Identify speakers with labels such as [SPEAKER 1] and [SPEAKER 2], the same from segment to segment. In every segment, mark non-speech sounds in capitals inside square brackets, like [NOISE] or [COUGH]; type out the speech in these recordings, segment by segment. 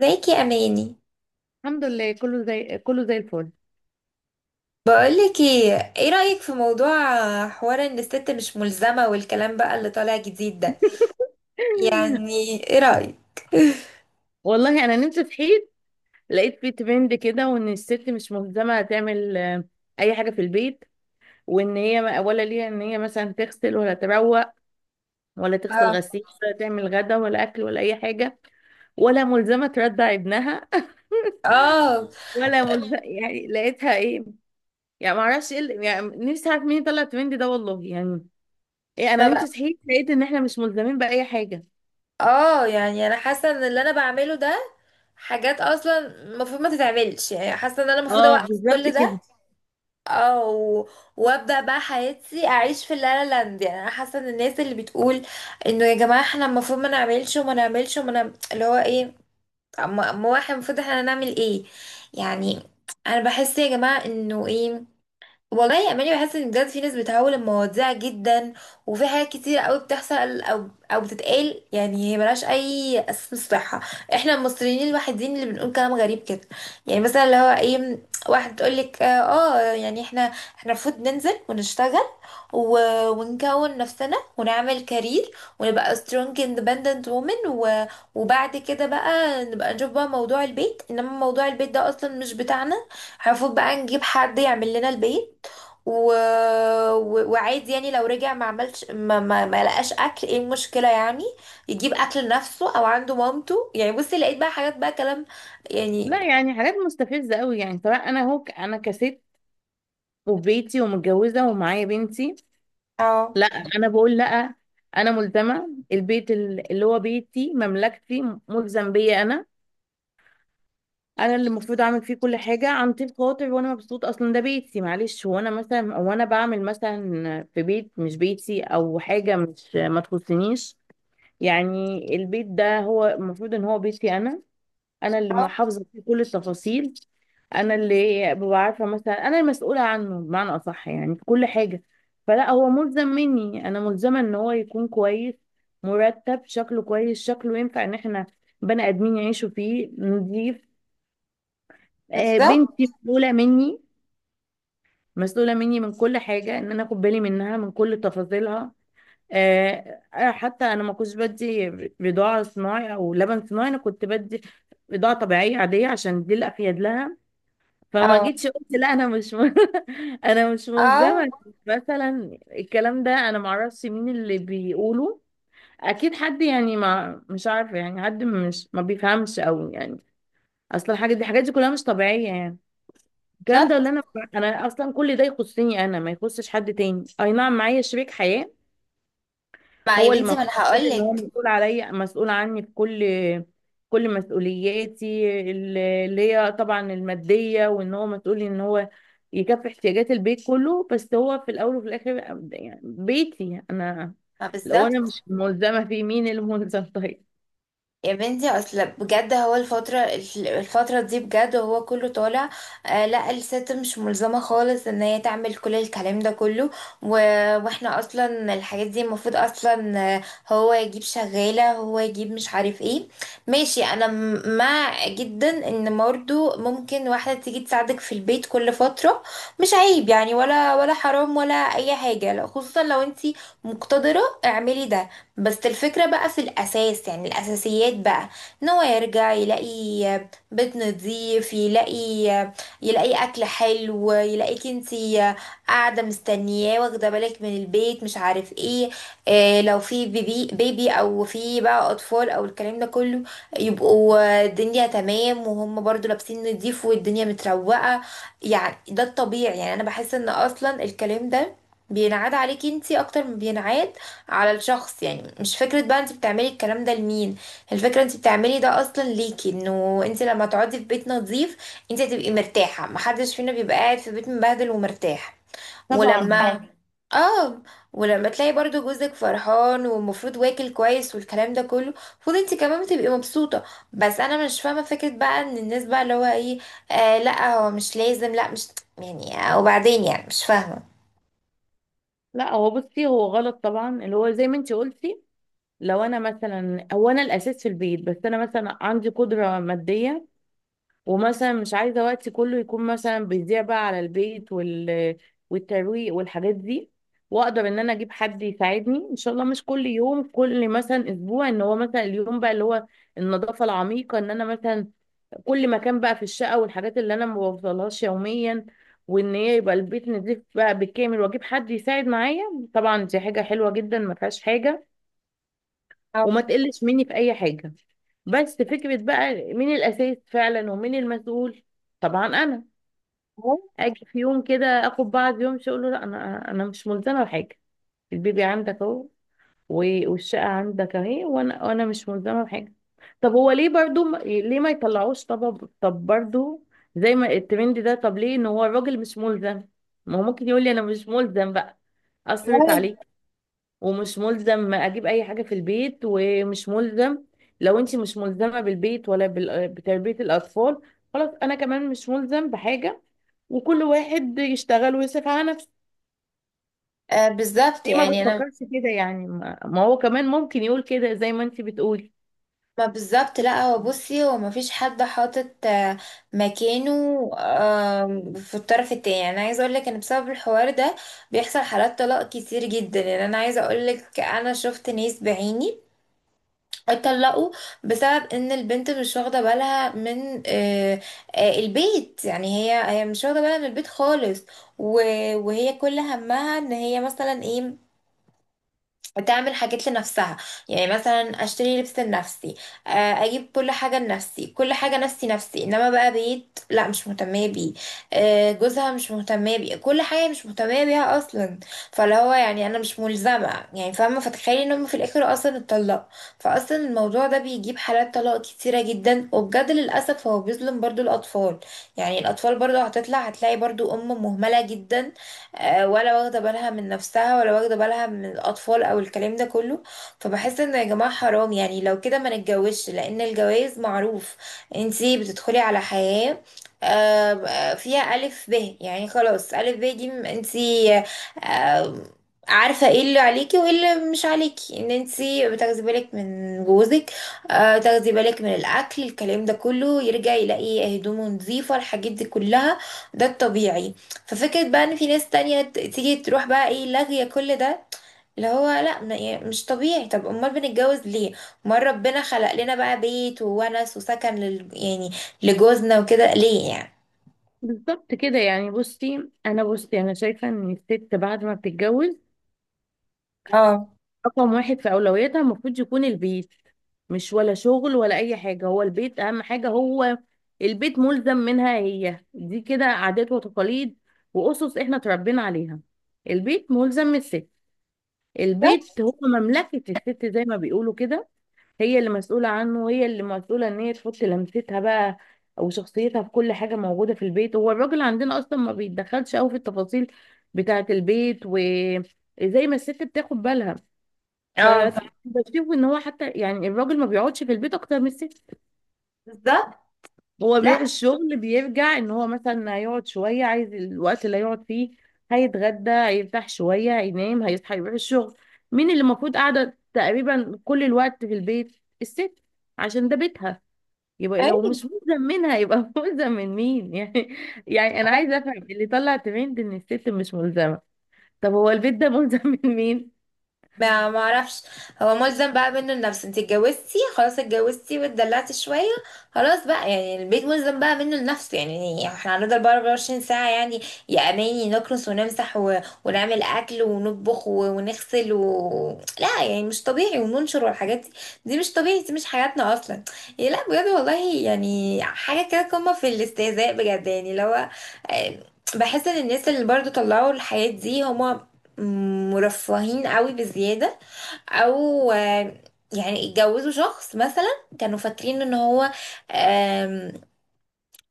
[SPEAKER 1] ازيك يا اماني؟
[SPEAKER 2] الحمد لله، كله زي الفل
[SPEAKER 1] بقولك ايه، ايه رأيك في موضوع حوار ان الست مش ملزمة والكلام بقى اللي طالع جديد ده؟
[SPEAKER 2] [LAUGHS]
[SPEAKER 1] يعني ايه رأيك؟ [LAUGHS]
[SPEAKER 2] والله انا نمت صحيت لقيت في ترند كده، وان الست مش ملزمه تعمل اي حاجه في البيت، وان هي ولا ليها ان هي مثلا تغسل ولا تروق ولا تغسل
[SPEAKER 1] اه.
[SPEAKER 2] غسيل ولا تعمل غدا ولا اكل ولا اي حاجه، ولا ملزمه ترضع ابنها. [LAUGHS]
[SPEAKER 1] اه.
[SPEAKER 2] ولا ملزمه، يعني لقيتها ايه، يعني ما اعرفش ايه يعني نفسي اعرف مين طلع الترند ده، والله. يعني ايه، انا
[SPEAKER 1] ما
[SPEAKER 2] نمت
[SPEAKER 1] بقى
[SPEAKER 2] صحيت لقيت ان احنا مش ملزمين باي حاجه.
[SPEAKER 1] اه يعني انا حاسة ان اللي انا بعمله ده حاجات اصلا المفروض ما تتعملش، يعني حاسة ان انا المفروض
[SPEAKER 2] اه،
[SPEAKER 1] اوقف
[SPEAKER 2] بالظبط
[SPEAKER 1] كل ده.
[SPEAKER 2] كده.
[SPEAKER 1] اه، وابدأ بقى حياتي اعيش في اللا لا لاند. يعني انا حاسة ان الناس اللي بتقول انه يا جماعة احنا المفروض ما نعملش وما نعمل اللي هو ايه، أما هو احنا المفروض احنا هنعمل ايه يعني؟ انا بحس يا جماعه انه ايه، والله يا اماني بحس ان بجد في ناس بتهول المواضيع جدا، وفي حاجات كتير قوي بتحصل او بتتقال يعني هي ملهاش اي اساس صحه. احنا المصريين الوحيدين اللي بنقول كلام غريب كده. يعني مثلا اللي هو ايه، واحد تقول لك اه، يعني احنا المفروض ننزل ونشتغل، و... ونكون نفسنا ونعمل كارير، ونبقى strong independent woman، و... وبعد كده بقى نبقى نشوف بقى موضوع البيت. انما موضوع البيت ده اصلا مش بتاعنا، المفروض بقى نجيب حد يعمل لنا البيت، و... و... وعادي يعني لو رجع ما عملش ما, ما... ما لقاش اكل ايه المشكله يعني، يجيب اكل لنفسه او عنده مامته. يعني بصي لقيت بقى حاجات بقى كلام يعني.
[SPEAKER 2] لا يعني حاجات مستفزة قوي، يعني سواء انا هو انا كست وفي بيتي ومتجوزة ومعايا بنتي.
[SPEAKER 1] اه.
[SPEAKER 2] لا انا بقول لا، انا ملزمة البيت، اللي هو بيتي، مملكتي، ملزم بيا انا. انا اللي المفروض اعمل فيه كل حاجة عن طيب خاطر، وانا مبسوط، اصلا ده بيتي. معلش، هو انا مثلا وانا بعمل مثلا في بيت مش بيتي او حاجة مش ما تخصنيش؟ يعني البيت ده هو المفروض ان هو بيتي انا، انا اللي
[SPEAKER 1] اه،
[SPEAKER 2] محافظه فيه كل التفاصيل. انا اللي ببقى عارفه، مثلا انا المسؤوله عنه بمعنى اصح، يعني في كل حاجه. فلا هو ملزم مني، انا ملزمه ان هو يكون كويس، مرتب، شكله كويس، شكله ينفع ان احنا بني ادمين يعيشوا فيه نضيف.
[SPEAKER 1] بالظبط.
[SPEAKER 2] بنتي مسؤوله مني، مسؤوله مني من كل حاجه، ان انا اخد بالي منها من كل تفاصيلها. حتى انا ما كنتش بدي بضاعه صناعي او لبن صناعي، انا كنت بدي بضاعه طبيعيه عاديه عشان دي الافيد لها. فما
[SPEAKER 1] اه.
[SPEAKER 2] جيتش قلت لا انا مش. [LAUGHS] انا مش
[SPEAKER 1] اه،
[SPEAKER 2] ملزمه. مثلا الكلام ده انا معرفش مين اللي بيقوله، اكيد حد يعني ما مش عارفه، يعني حد مش ما بيفهمش قوي، يعني اصلا الحاجه دي، الحاجات دي كلها مش طبيعيه. يعني الكلام ده اللي
[SPEAKER 1] بالظبط.
[SPEAKER 2] انا، انا اصلا كل ده يخصني انا، ما يخصش حد تاني. اي نعم معايا شريك حياه،
[SPEAKER 1] ما يا
[SPEAKER 2] هو اللي
[SPEAKER 1] بنتي ما انا
[SPEAKER 2] المفروض
[SPEAKER 1] هقول
[SPEAKER 2] ان هو
[SPEAKER 1] لك.
[SPEAKER 2] مسؤول عليا، مسؤول عني في كل كل مسؤولياتي اللي هي طبعا الماديه، وان هو مسؤول ان هو يكفي احتياجات البيت كله، بس هو في الاول وفي الاخر يعني بيتي انا.
[SPEAKER 1] ما
[SPEAKER 2] لو انا
[SPEAKER 1] بالظبط.
[SPEAKER 2] مش ملزمه فيه، مين اللي ملزم؟ [LAUGHS] طيب،
[SPEAKER 1] يا بنتي اصل بجد هو الفترة، الفترة دي بجد هو كله طالع آه، لا الست مش ملزمة خالص ان هي تعمل كل الكلام ده كله، و... واحنا اصلا الحاجات دي المفروض اصلا هو يجيب شغالة، هو يجيب مش عارف ايه. ماشي، انا مع جدا ان برضه ممكن واحدة تيجي تساعدك في البيت كل فترة، مش عيب يعني ولا حرام ولا اي حاجة، لا، خصوصا لو انتي مقتدرة اعملي ده. بس الفكرة بقى في الأساس، يعني الأساسيات بقى، إن هو يرجع يلاقي بيت نظيف، يلاقي أكل حلو، يلاقيك انتي قاعدة مستنياه واخدة بالك من البيت مش عارف ايه. آه، لو في بيبي أو في بقى أطفال أو الكلام ده كله يبقوا الدنيا تمام، وهم برضو لابسين نضيف والدنيا متروقة. يعني ده الطبيعي. يعني أنا بحس إن أصلا الكلام ده بينعاد عليكي انتي أكتر ما بينعاد على الشخص. يعني مش فكرة بقى انت بتعملي الكلام ده لمين، الفكرة انت بتعملي ده اصلا ليكي، انه انت لما تقعدي في بيت نظيف انت هتبقي مرتاحة. محدش فينا بيبقى قاعد في بيت مبهدل ومرتاح
[SPEAKER 2] طبعا.
[SPEAKER 1] ولما حلو. اه، ولما تلاقي برضو جوزك فرحان والمفروض واكل كويس والكلام ده كله، المفروض انت كمان بتبقي مبسوطة. بس انا مش فاهمة فكرة بقى ان الناس بقى اللي هو ايه، آه لا هو مش لازم، لا مش يعني آه، وبعدين يعني مش فاهمة.
[SPEAKER 2] لا هو بصي هو غلط طبعا، اللي هو زي ما انت قلتي، لو انا مثلا هو انا الاساس في البيت، بس انا مثلا عندي قدره ماديه، ومثلا مش عايزة وقتي كله يكون مثلا بيضيع بقى على البيت والترويق والحاجات دي، واقدر ان انا اجيب حد يساعدني ان شاء الله، مش كل يوم، كل مثلا اسبوع، ان هو مثلا اليوم بقى اللي هو النظافة العميقة، ان انا مثلا كل مكان بقى في الشقة والحاجات اللي انا ما بوصلهاش يوميا، وان هي يبقى البيت نضيف بقى بالكامل، واجيب حد يساعد معايا. طبعا دي حاجة حلوة جدا، ما فيهاش حاجة، وما
[SPEAKER 1] أو-
[SPEAKER 2] تقلش مني في اي حاجه. بس فكره بقى مين الاساس فعلا، ومين المسؤول. طبعا انا اجي في يوم كده اخد بعض يوم اقول له لا، انا مش ملزمه بحاجه، البيبي عندك اهو، والشقه عندك اهي، وانا مش ملزمه بحاجه. طب هو ليه برضو ليه ما يطلعوش؟ طب برضو زي ما الترند ده، طب ليه ان هو الراجل مش ملزم؟ ما هو ممكن يقول لي انا مش ملزم بقى،
[SPEAKER 1] لا،
[SPEAKER 2] اصرف
[SPEAKER 1] لا،
[SPEAKER 2] عليك، ومش ملزم اجيب اي حاجه في البيت، ومش ملزم. لو انت مش ملزمه بالبيت، ولا بتربيه الاطفال، خلاص انا كمان مش ملزم بحاجه، وكل واحد يشتغل ويصرف على نفسه.
[SPEAKER 1] آه بالظبط.
[SPEAKER 2] ليه ما
[SPEAKER 1] يعني انا
[SPEAKER 2] بتفكرش كده يعني؟ ما هو كمان ممكن يقول كده زي ما انت بتقولي.
[SPEAKER 1] ما بالظبط، لا هو بصي هو ما فيش حد حاطط مكانه في الطرف التاني. يعني انا عايزه اقول لك ان بسبب الحوار ده بيحصل حالات طلاق كتير جدا. يعني انا عايزه اقول لك انا شفت ناس بعيني اتطلقوا بسبب ان البنت مش واخده بالها من البيت. يعني هي مش واخده بالها من البيت خالص، وهي كل همها ان هي مثلا ايه، تعمل حاجات لنفسها. يعني مثلا اشتري لبس لنفسي، اجيب كل حاجه لنفسي، كل حاجه نفسي نفسي، انما بقى بيت لا، مش مهتمه بيه. آه، جوزها مش مهتمه بيه، كل حاجه مش مهتمه بيها اصلا. فاللي هو يعني انا مش ملزمه يعني، فاهمه؟ فتخيلي انهم في الاخر اصلا اتطلقوا. فاصلا الموضوع ده بيجيب حالات طلاق كتيره جدا، وبجد للاسف هو بيظلم برضو الاطفال. يعني الاطفال برضو هتطلع هتلاقي برضو ام مهمله جدا، ولا واخده بالها من نفسها ولا واخده بالها من الاطفال او الكلام ده كله. فبحس انه يا جماعه حرام. يعني لو كده ما نتجوزش، لان الجواز معروف انتي بتدخلي على حياه فيها ألف ب. يعني خلاص، ألف ب دي انتي آه، عارفة ايه اللي عليكي وايه اللي مش عليكي، ان انتي بتاخدي بالك من جوزك، تاخدي بالك من الأكل، الكلام ده كله، يرجع يلاقي هدومه نظيفة، الحاجات دي كلها. ده الطبيعي. ففكرة بقى ان في ناس تانية تيجي تروح بقى ايه لاغية كل ده، اللي هو لا يعني مش طبيعي. طب امال بنتجوز ليه؟ امال ربنا خلق لنا بقى بيت وونس وسكن لل يعني لجوزنا وكده ليه يعني؟
[SPEAKER 2] بالظبط كده. يعني بصي، انا بصي انا شايفه ان الست بعد ما بتتجوز
[SPEAKER 1] اه.
[SPEAKER 2] رقم واحد في أولوياتها المفروض يكون البيت، مش ولا شغل ولا أي حاجة، هو البيت أهم حاجة. هو البيت ملزم منها هي، دي كده عادات وتقاليد وأسس إحنا اتربينا عليها. البيت ملزم من الست، البيت هو مملكة الست زي ما بيقولوا كده. هي اللي مسؤولة عنه، وهي اللي مسؤولة إن هي تحط لمستها بقى أو شخصيتها في كل حاجة موجودة في البيت. هو الراجل عندنا أصلا ما بيتدخلش أوي في التفاصيل بتاعة البيت، وزي ما الست بتاخد بالها،
[SPEAKER 1] اه. ف-
[SPEAKER 2] فبشوف ان هو حتى يعني الراجل ما بيقعدش في البيت اكتر من الست.
[SPEAKER 1] بالظبط.
[SPEAKER 2] هو
[SPEAKER 1] لا.
[SPEAKER 2] بيروح الشغل، بيرجع ان هو مثلا هيقعد شويه، عايز الوقت اللي هيقعد فيه هيتغدى، هيرتاح شويه، هينام، هيصحى يروح الشغل. مين اللي المفروض قاعده تقريبا كل الوقت في البيت؟ الست، عشان ده بيتها. يبقى لو مش
[SPEAKER 1] ايوه.
[SPEAKER 2] ملزم منها، يبقى [LAUGHS] ملزم من مين يعني؟ يعني انا عايزه افهم اللي طلع ترند ان الست مش ملزمه، طب هو البيت ده ملزم [LAUGHS] من مين؟
[SPEAKER 1] ما ما اعرفش. هو ملزم بقى منه لنفسه. انت اتجوزتي خلاص، اتجوزتي واتدلعتي شويه، خلاص بقى يعني البيت ملزم بقى منه لنفسه. يعني احنا هنفضل بقى 24 ساعه يعني يا اماني نكنس ونمسح، و... ونعمل اكل ونطبخ، و... ونغسل، و... لا يعني مش طبيعي، وننشر والحاجات دي. دي مش طبيعي، دي مش حياتنا اصلا. يعني لا بجد والله، يعني حاجه كده قمه في الاستهزاء بجد. يعني اللي هو آه، بحس ان الناس اللي برضو طلعوا الحياة دي هما مرفهين قوي بزيادة، او يعني اتجوزوا شخص مثلا كانوا فاكرين ان هو آم،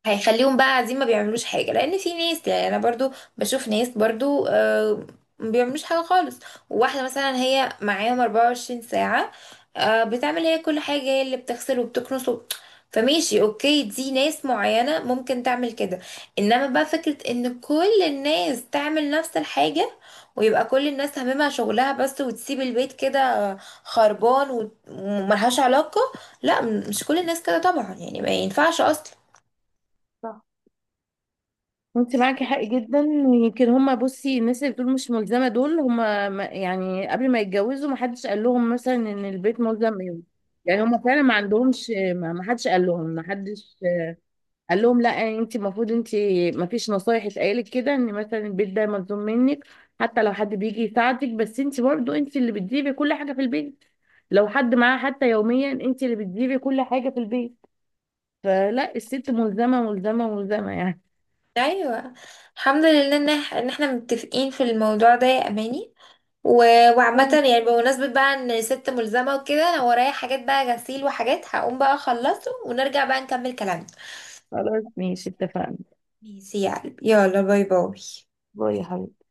[SPEAKER 1] هيخليهم بقى قاعدين ما بيعملوش حاجة. لأن في ناس، يعني أنا برضو بشوف ناس برضو ما بيعملوش حاجة خالص، وواحدة مثلا هي معاهم 24 ساعة، بتعمل هي كل حاجة، هي اللي بتغسل وبتكنس. فماشي اوكي، دي ناس معينة ممكن تعمل كده، انما بقى فكرة ان كل الناس تعمل نفس الحاجة، ويبقى كل الناس هممها شغلها بس، وتسيب البيت كده خربان وملهاش علاقة، لا، مش كل الناس كده طبعا يعني، ما ينفعش اصلا.
[SPEAKER 2] انت معاكي حق جدا. يمكن هما، بصي الناس اللي بتقول مش ملزمه دول هما يعني قبل ما يتجوزوا ما حدش قال لهم مثلا ان البيت ملزم يوم. يعني هما فعلا ما عندهمش، ما حدش قال لهم، ما حدش قال لهم لا، انت المفروض انت. ما فيش نصايح اتقالت كده ان مثلا البيت ده ملزوم منك، حتى لو حد بيجي يساعدك، بس انت برضه انت اللي بتجيبي كل حاجه في البيت. لو حد معاه حتى يوميا، انت اللي بتجيبي كل حاجه في البيت. فلا، الست ملزمه، ملزمه يعني.
[SPEAKER 1] ايوه. الحمد لله ان إن احنا متفقين في الموضوع ده يا اماني. و... وعامة يعني بمناسبة بقى ان ست ملزمة وكده، انا ورايا حاجات بقى غسيل وحاجات هقوم بقى اخلصه، ونرجع بقى نكمل كلامنا.
[SPEAKER 2] خلاص ماشي، اتفقنا.
[SPEAKER 1] ماشي يا قلبي، يلا باي باي.
[SPEAKER 2] باي يا حبيبي.